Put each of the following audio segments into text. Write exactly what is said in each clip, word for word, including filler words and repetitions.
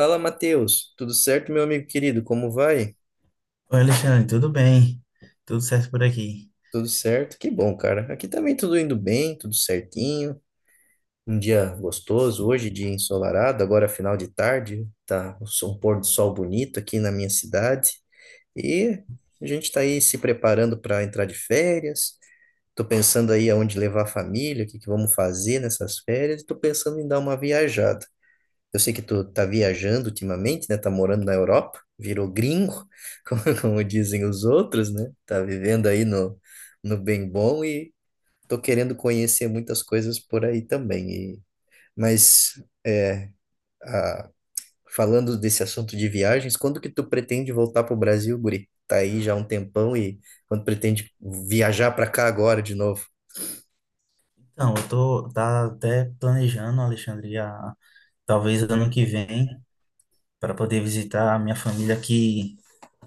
Fala, Matheus. Tudo certo, meu amigo querido? Como vai? Oi, Alexandre, tudo bem? Tudo certo por aqui? Tudo certo? Que bom, cara. Aqui também tudo indo bem, tudo certinho. Um dia gostoso hoje, dia ensolarado, agora final de tarde. Tá o sol- um pôr do sol bonito aqui na minha cidade. E a gente tá aí se preparando para entrar de férias. Tô pensando aí aonde levar a família, o que que vamos fazer nessas férias. E tô pensando em dar uma viajada. Eu sei que tu tá viajando ultimamente, né? Tá morando na Europa, virou gringo, como, como dizem os outros, né? Tá vivendo aí no, no bem bom e tô querendo conhecer muitas coisas por aí também. E, mas ah, Falando desse assunto de viagens, quando que tu pretende voltar pro Brasil, guri? Tá aí já há um tempão e quando pretende viajar para cá agora de novo? Então, eu tô tá até planejando, Alexandre, a- talvez ano que vem, para poder visitar a minha família que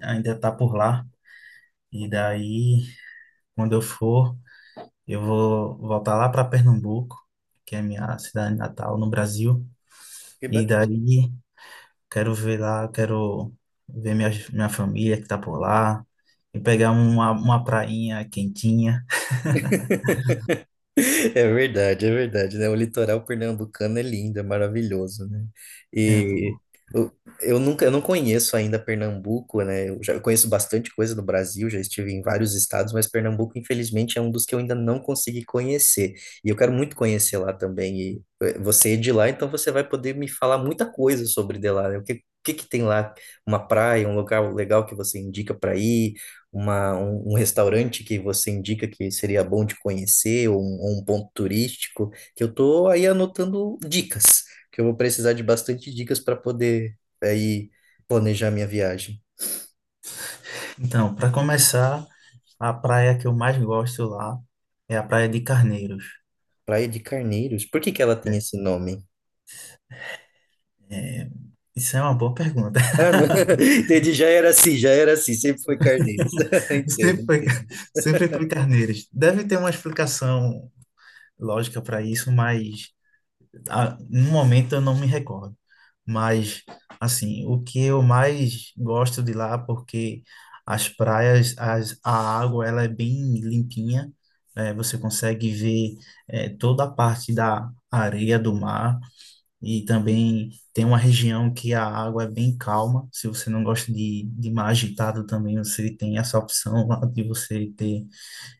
ainda está por lá. E daí, quando eu for, eu vou voltar lá para Pernambuco, que é minha cidade natal no Brasil. Que E daí, quero ver lá, quero ver minha, minha família que está por lá e pegar uma, uma prainha quentinha. é verdade, é verdade, né? O litoral pernambucano é lindo, é maravilhoso, né? É, E eu, eu nunca, eu não conheço ainda Pernambuco, né? Eu já conheço bastante coisa do Brasil, já estive em vários estados, mas Pernambuco, infelizmente, é um dos que eu ainda não consegui conhecer. E eu quero muito conhecer lá também. E eh, você é de lá, então você vai poder me falar muita coisa sobre de lá, né? O que, o que que tem lá? Uma praia, um local legal que você indica para ir? Uma, um, um restaurante que você indica que seria bom de conhecer, ou um, ou um ponto turístico, que eu tô aí anotando dicas, que eu vou precisar de bastante dicas para poder aí planejar minha viagem. então, para começar, a praia que eu mais gosto lá é a Praia de Carneiros, Praia de Carneiros, por que que ela tem né? esse nome? É, isso é uma boa pergunta. Ah, não. Entendi, já era assim, já era assim, sempre foi Carneiros. Entendo, Sempre foi, entendo. sempre foi Carneiros. Deve ter uma explicação lógica para isso, mas ah, no momento eu não me recordo. Mas, assim, o que eu mais gosto de lá, porque as praias, as, a água, ela é bem limpinha, né? Você consegue ver eh, toda a parte da areia do mar. E também tem uma região que a água é bem calma. Se você não gosta de, de mar agitado também, você tem essa opção lá de você ter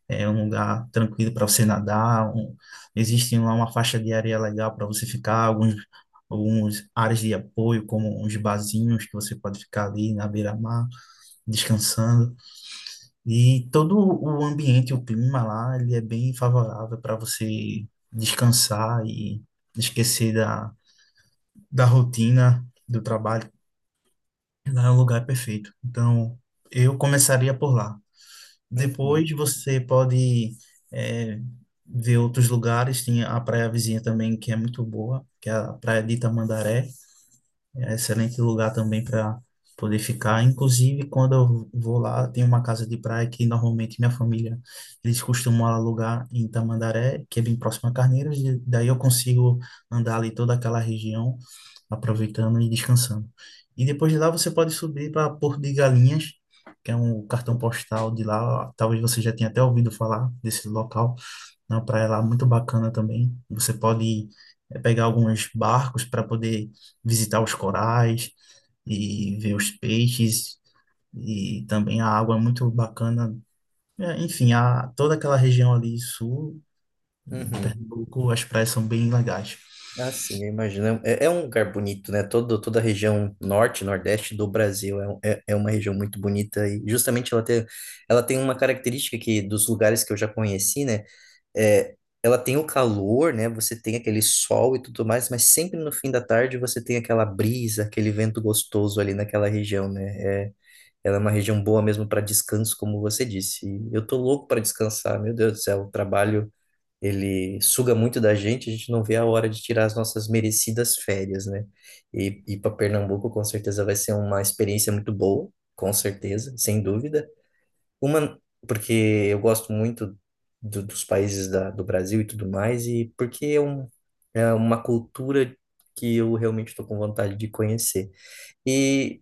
é, um lugar tranquilo para você nadar. Um, existe lá uma faixa de areia legal para você ficar, alguns, alguns áreas de apoio, como uns barzinhos que você pode ficar ali na beira-mar, descansando. E todo o ambiente, o clima lá, ele é bem favorável para você descansar e esquecer da rotina do trabalho, lá é um lugar perfeito. Então, eu começaria por lá. Depois Uhum, você pode é, ver outros lugares, tem a praia vizinha também, que é muito boa, que é a Praia de Itamandaré, é um excelente lugar também para poder ficar. Inclusive, quando eu vou lá, tem uma casa de praia que normalmente minha família, eles costumam alugar em Itamandaré, que é bem próximo a Carneiros, e daí eu consigo andar ali toda aquela região, aproveitando e descansando. E depois de lá você pode subir para Porto de Galinhas, que é um cartão postal de lá. Talvez você já tenha até ouvido falar desse local. É uma praia lá muito bacana também. Você pode eh, pegar alguns barcos para poder visitar os corais e ver os peixes. E também a água é muito bacana. É, enfim, a, toda aquela região ali sul de uhum. Pernambuco, as praias são bem legais. Ah, sim, eu imagino. É, é um lugar bonito, né? Todo, toda a região norte, nordeste do Brasil é, um- é, é uma região muito bonita e justamente ela tem, ela tem uma característica que dos lugares que eu já conheci, né? É, ela tem o calor, né? Você tem aquele sol e tudo mais, mas sempre no fim da tarde você tem aquela brisa, aquele vento gostoso ali naquela região, né? É, ela é uma região boa mesmo para descanso, como você disse. E eu tô louco para descansar, meu Deus do céu, o trabalho ele suga muito da gente, a gente não vê a hora de tirar as nossas merecidas férias, né? E ir para Pernambuco com certeza vai ser uma experiência muito boa, com certeza, sem dúvida. Uma, porque eu gosto muito do- dos países da, do Brasil e tudo mais, e porque é, um, é uma cultura que eu realmente estou com vontade de conhecer. E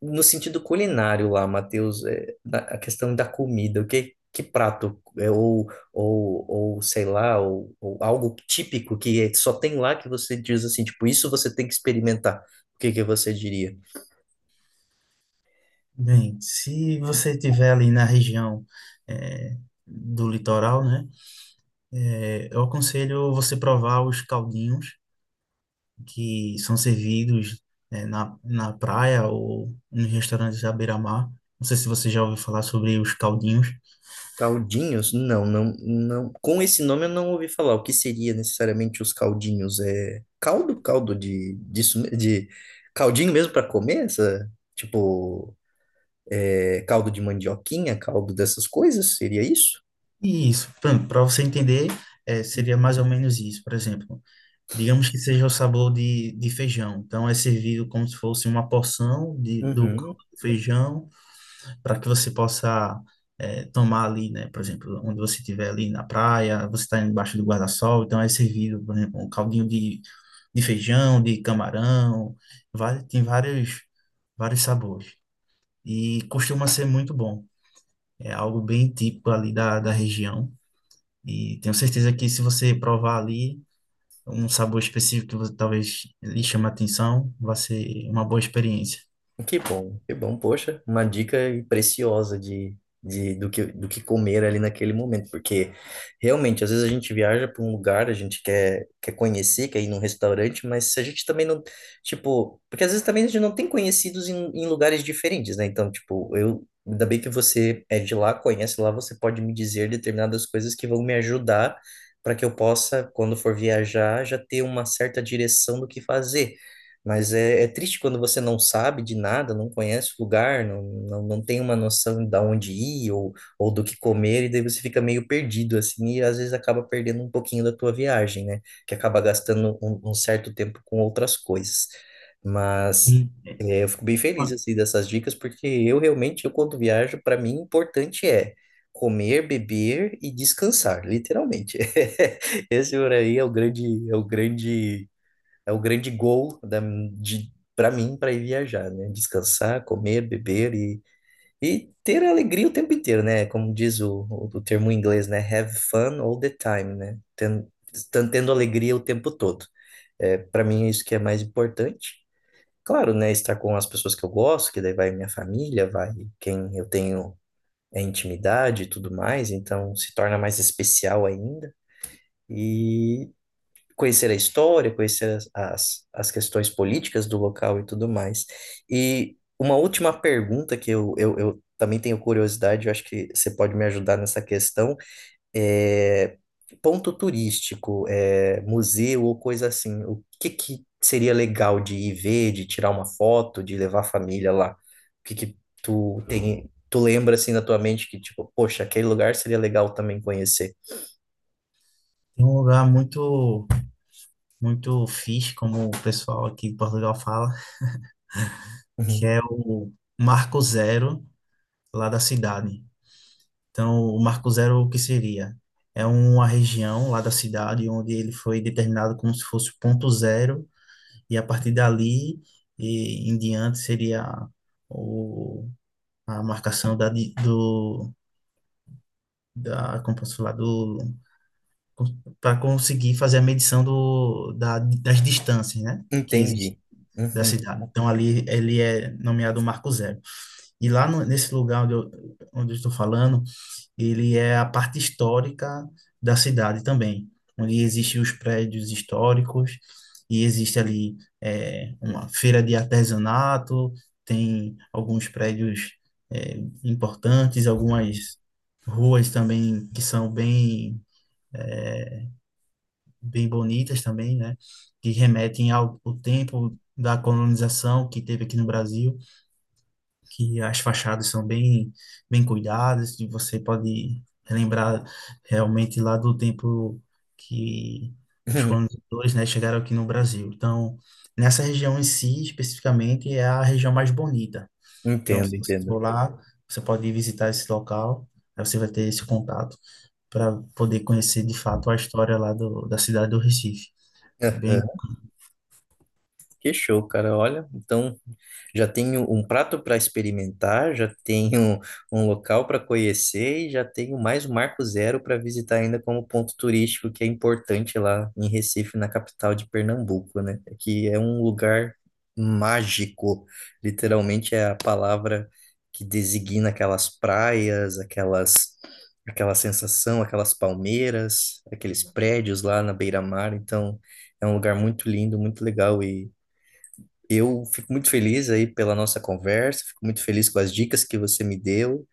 no sentido culinário lá, Matheus, é, da- a questão da comida, o que, que prato, é, ou, ou, ou sei lá, ou, ou algo típico que é- só tem lá que você diz assim, tipo, isso você tem que experimentar. O que que você diria? Bem, se você estiver ali na região eh, do litoral, né, eh, eu aconselho você provar os caldinhos que são servidos eh, na, na praia ou nos restaurantes à beira-mar. Não sei se você já ouviu falar sobre os caldinhos. Caldinhos? Não, não, não. Com esse nome eu não ouvi falar. O que seria necessariamente os caldinhos? É caldo? Caldo de, disso, de caldinho mesmo para comer? Essa, tipo, é, caldo de mandioquinha, caldo dessas coisas? Seria isso? E isso, para você entender, eh, seria mais ou menos isso. Por exemplo, digamos que seja o sabor de, de feijão. Então, é servido como se fosse uma porção de, do caldo Uhum. de feijão para que você possa é, tomar ali, né? Por exemplo, onde você estiver ali na praia, você está embaixo do guarda-sol, então é servido, por exemplo, um caldinho de, de feijão, de camarão, vai, tem vários, vários sabores. E costuma ser muito bom. É algo bem típico ali da, da região. E tenho certeza que se você provar ali um sabor específico que você talvez lhe chame a atenção, vai ser uma boa experiência. Que bom, que bom. Poxa, uma dica preciosa de, de, do que, do que comer ali naquele momento, porque realmente, às vezes a gente viaja para um lugar, a gente quer, quer conhecer, quer ir num restaurante, mas se a gente também não, tipo, porque às vezes também a gente não tem conhecidos em, em lugares diferentes, né? Então, tipo, eu, ainda bem que você é de lá, conhece lá, você pode me dizer determinadas coisas que vão me ajudar para que eu possa, quando for viajar, já ter uma certa direção do que fazer. Mas é, é triste quando você não sabe de nada, não conhece o lugar, não, não, não tem uma noção de onde ir ou, ou do que comer, e daí você fica meio perdido, assim, e às vezes acaba perdendo um pouquinho da tua viagem, né? Que acaba gastando um, um certo tempo com outras coisas. E Mas é é, eu fico bem feliz, uma- assim, dessas dicas, porque eu realmente, eu quando viajo, para mim, o importante é comer, beber e descansar, literalmente. Esse por aí é o grande, é o grande é o grande goal da, de, para mim para ir viajar, né? Descansar, comer, beber e, e ter alegria o tempo inteiro, né? Como diz o, o, o termo em inglês, né? Have fun all the time, né? Tendo, tendo, tendo alegria o tempo todo. É, para mim é isso que é mais importante. Claro, né? Estar com as pessoas que eu gosto, que daí vai minha família, vai quem eu tenho é, intimidade e tudo mais, então se torna mais especial ainda. E conhecer a história, conhecer as, as, as questões políticas do local e tudo mais. E uma última pergunta que eu, eu, eu também tenho curiosidade, eu acho que você pode me ajudar nessa questão, é ponto turístico, é, museu ou coisa assim, o que que seria legal de ir ver, de tirar uma foto, de levar a família lá? O que que tu tem, tu lembra assim na tua mente que tipo, poxa, aquele lugar seria legal também conhecer? Tem um lugar muito muito fixe, como o pessoal aqui em Portugal fala, que Uhum. é o Marco Zero lá da cidade. Então, o Marco Zero, o que seria? É uma região lá da cidade onde ele foi determinado como se fosse o ponto zero, e a partir dali e em diante seria o, a marcação da, di- do, da, como posso falar, do, para conseguir fazer a medição do, da, das distâncias, né? Que existem Entendi. da Uhum. cidade. Então ali ele é nomeado Marco Zero. E lá no- nesse lugar onde eu, onde eu estou falando, ele é a parte histórica da cidade também, onde existem os prédios históricos e existe ali é, uma feira de artesanato, tem alguns prédios é, importantes, algumas ruas também que são bem é, bem bonitas também, né? Que remetem ao, ao tempo da colonização que teve aqui no Brasil, que as fachadas são bem, bem cuidadas, e você pode lembrar realmente lá do tempo que os colonizadores, né, chegaram aqui no Brasil. Então, nessa região em si, especificamente, é a região mais bonita. Então, Entendo, se você entendo. for lá, você pode visitar esse local, aí você vai ter esse contato para poder conhecer de fato a história lá do, da cidade do Recife. É Bem Que show, cara. Olha, então já tenho um prato para experimentar, já tenho um local para conhecer e já tenho mais um Marco Zero para visitar ainda como ponto turístico que é importante lá em Recife, na capital de Pernambuco, né? É que é um lugar mágico. Literalmente é a palavra que designa aquelas praias, aquelas aquela sensação, aquelas palmeiras, aqueles prédios lá na beira-mar. Então, é um lugar muito lindo, muito legal e eu fico muito feliz aí pela nossa conversa, fico muito feliz com as dicas que você me deu,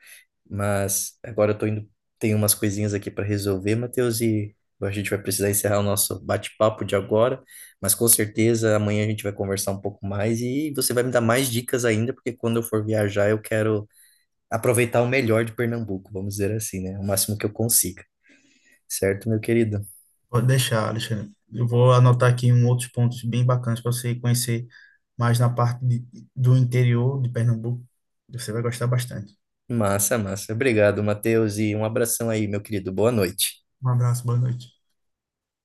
mas agora eu tô indo, tenho umas coisinhas aqui para resolver, Matheus, e a gente vai precisar encerrar o nosso bate-papo de agora, mas com certeza amanhã a gente vai conversar um pouco mais e você vai me dar mais dicas ainda, porque quando eu for viajar eu quero aproveitar o melhor de Pernambuco, vamos dizer assim, né? O máximo que eu consiga, certo, meu querido? Pode deixar, Alexandre. Eu vou anotar aqui um outros pontos bem bacanas para você conhecer mais na parte de- do interior de Pernambuco. Você vai gostar bastante. Massa, massa. Obrigado, Matheus, e um abração aí, meu querido. Boa noite. Um abraço, boa noite.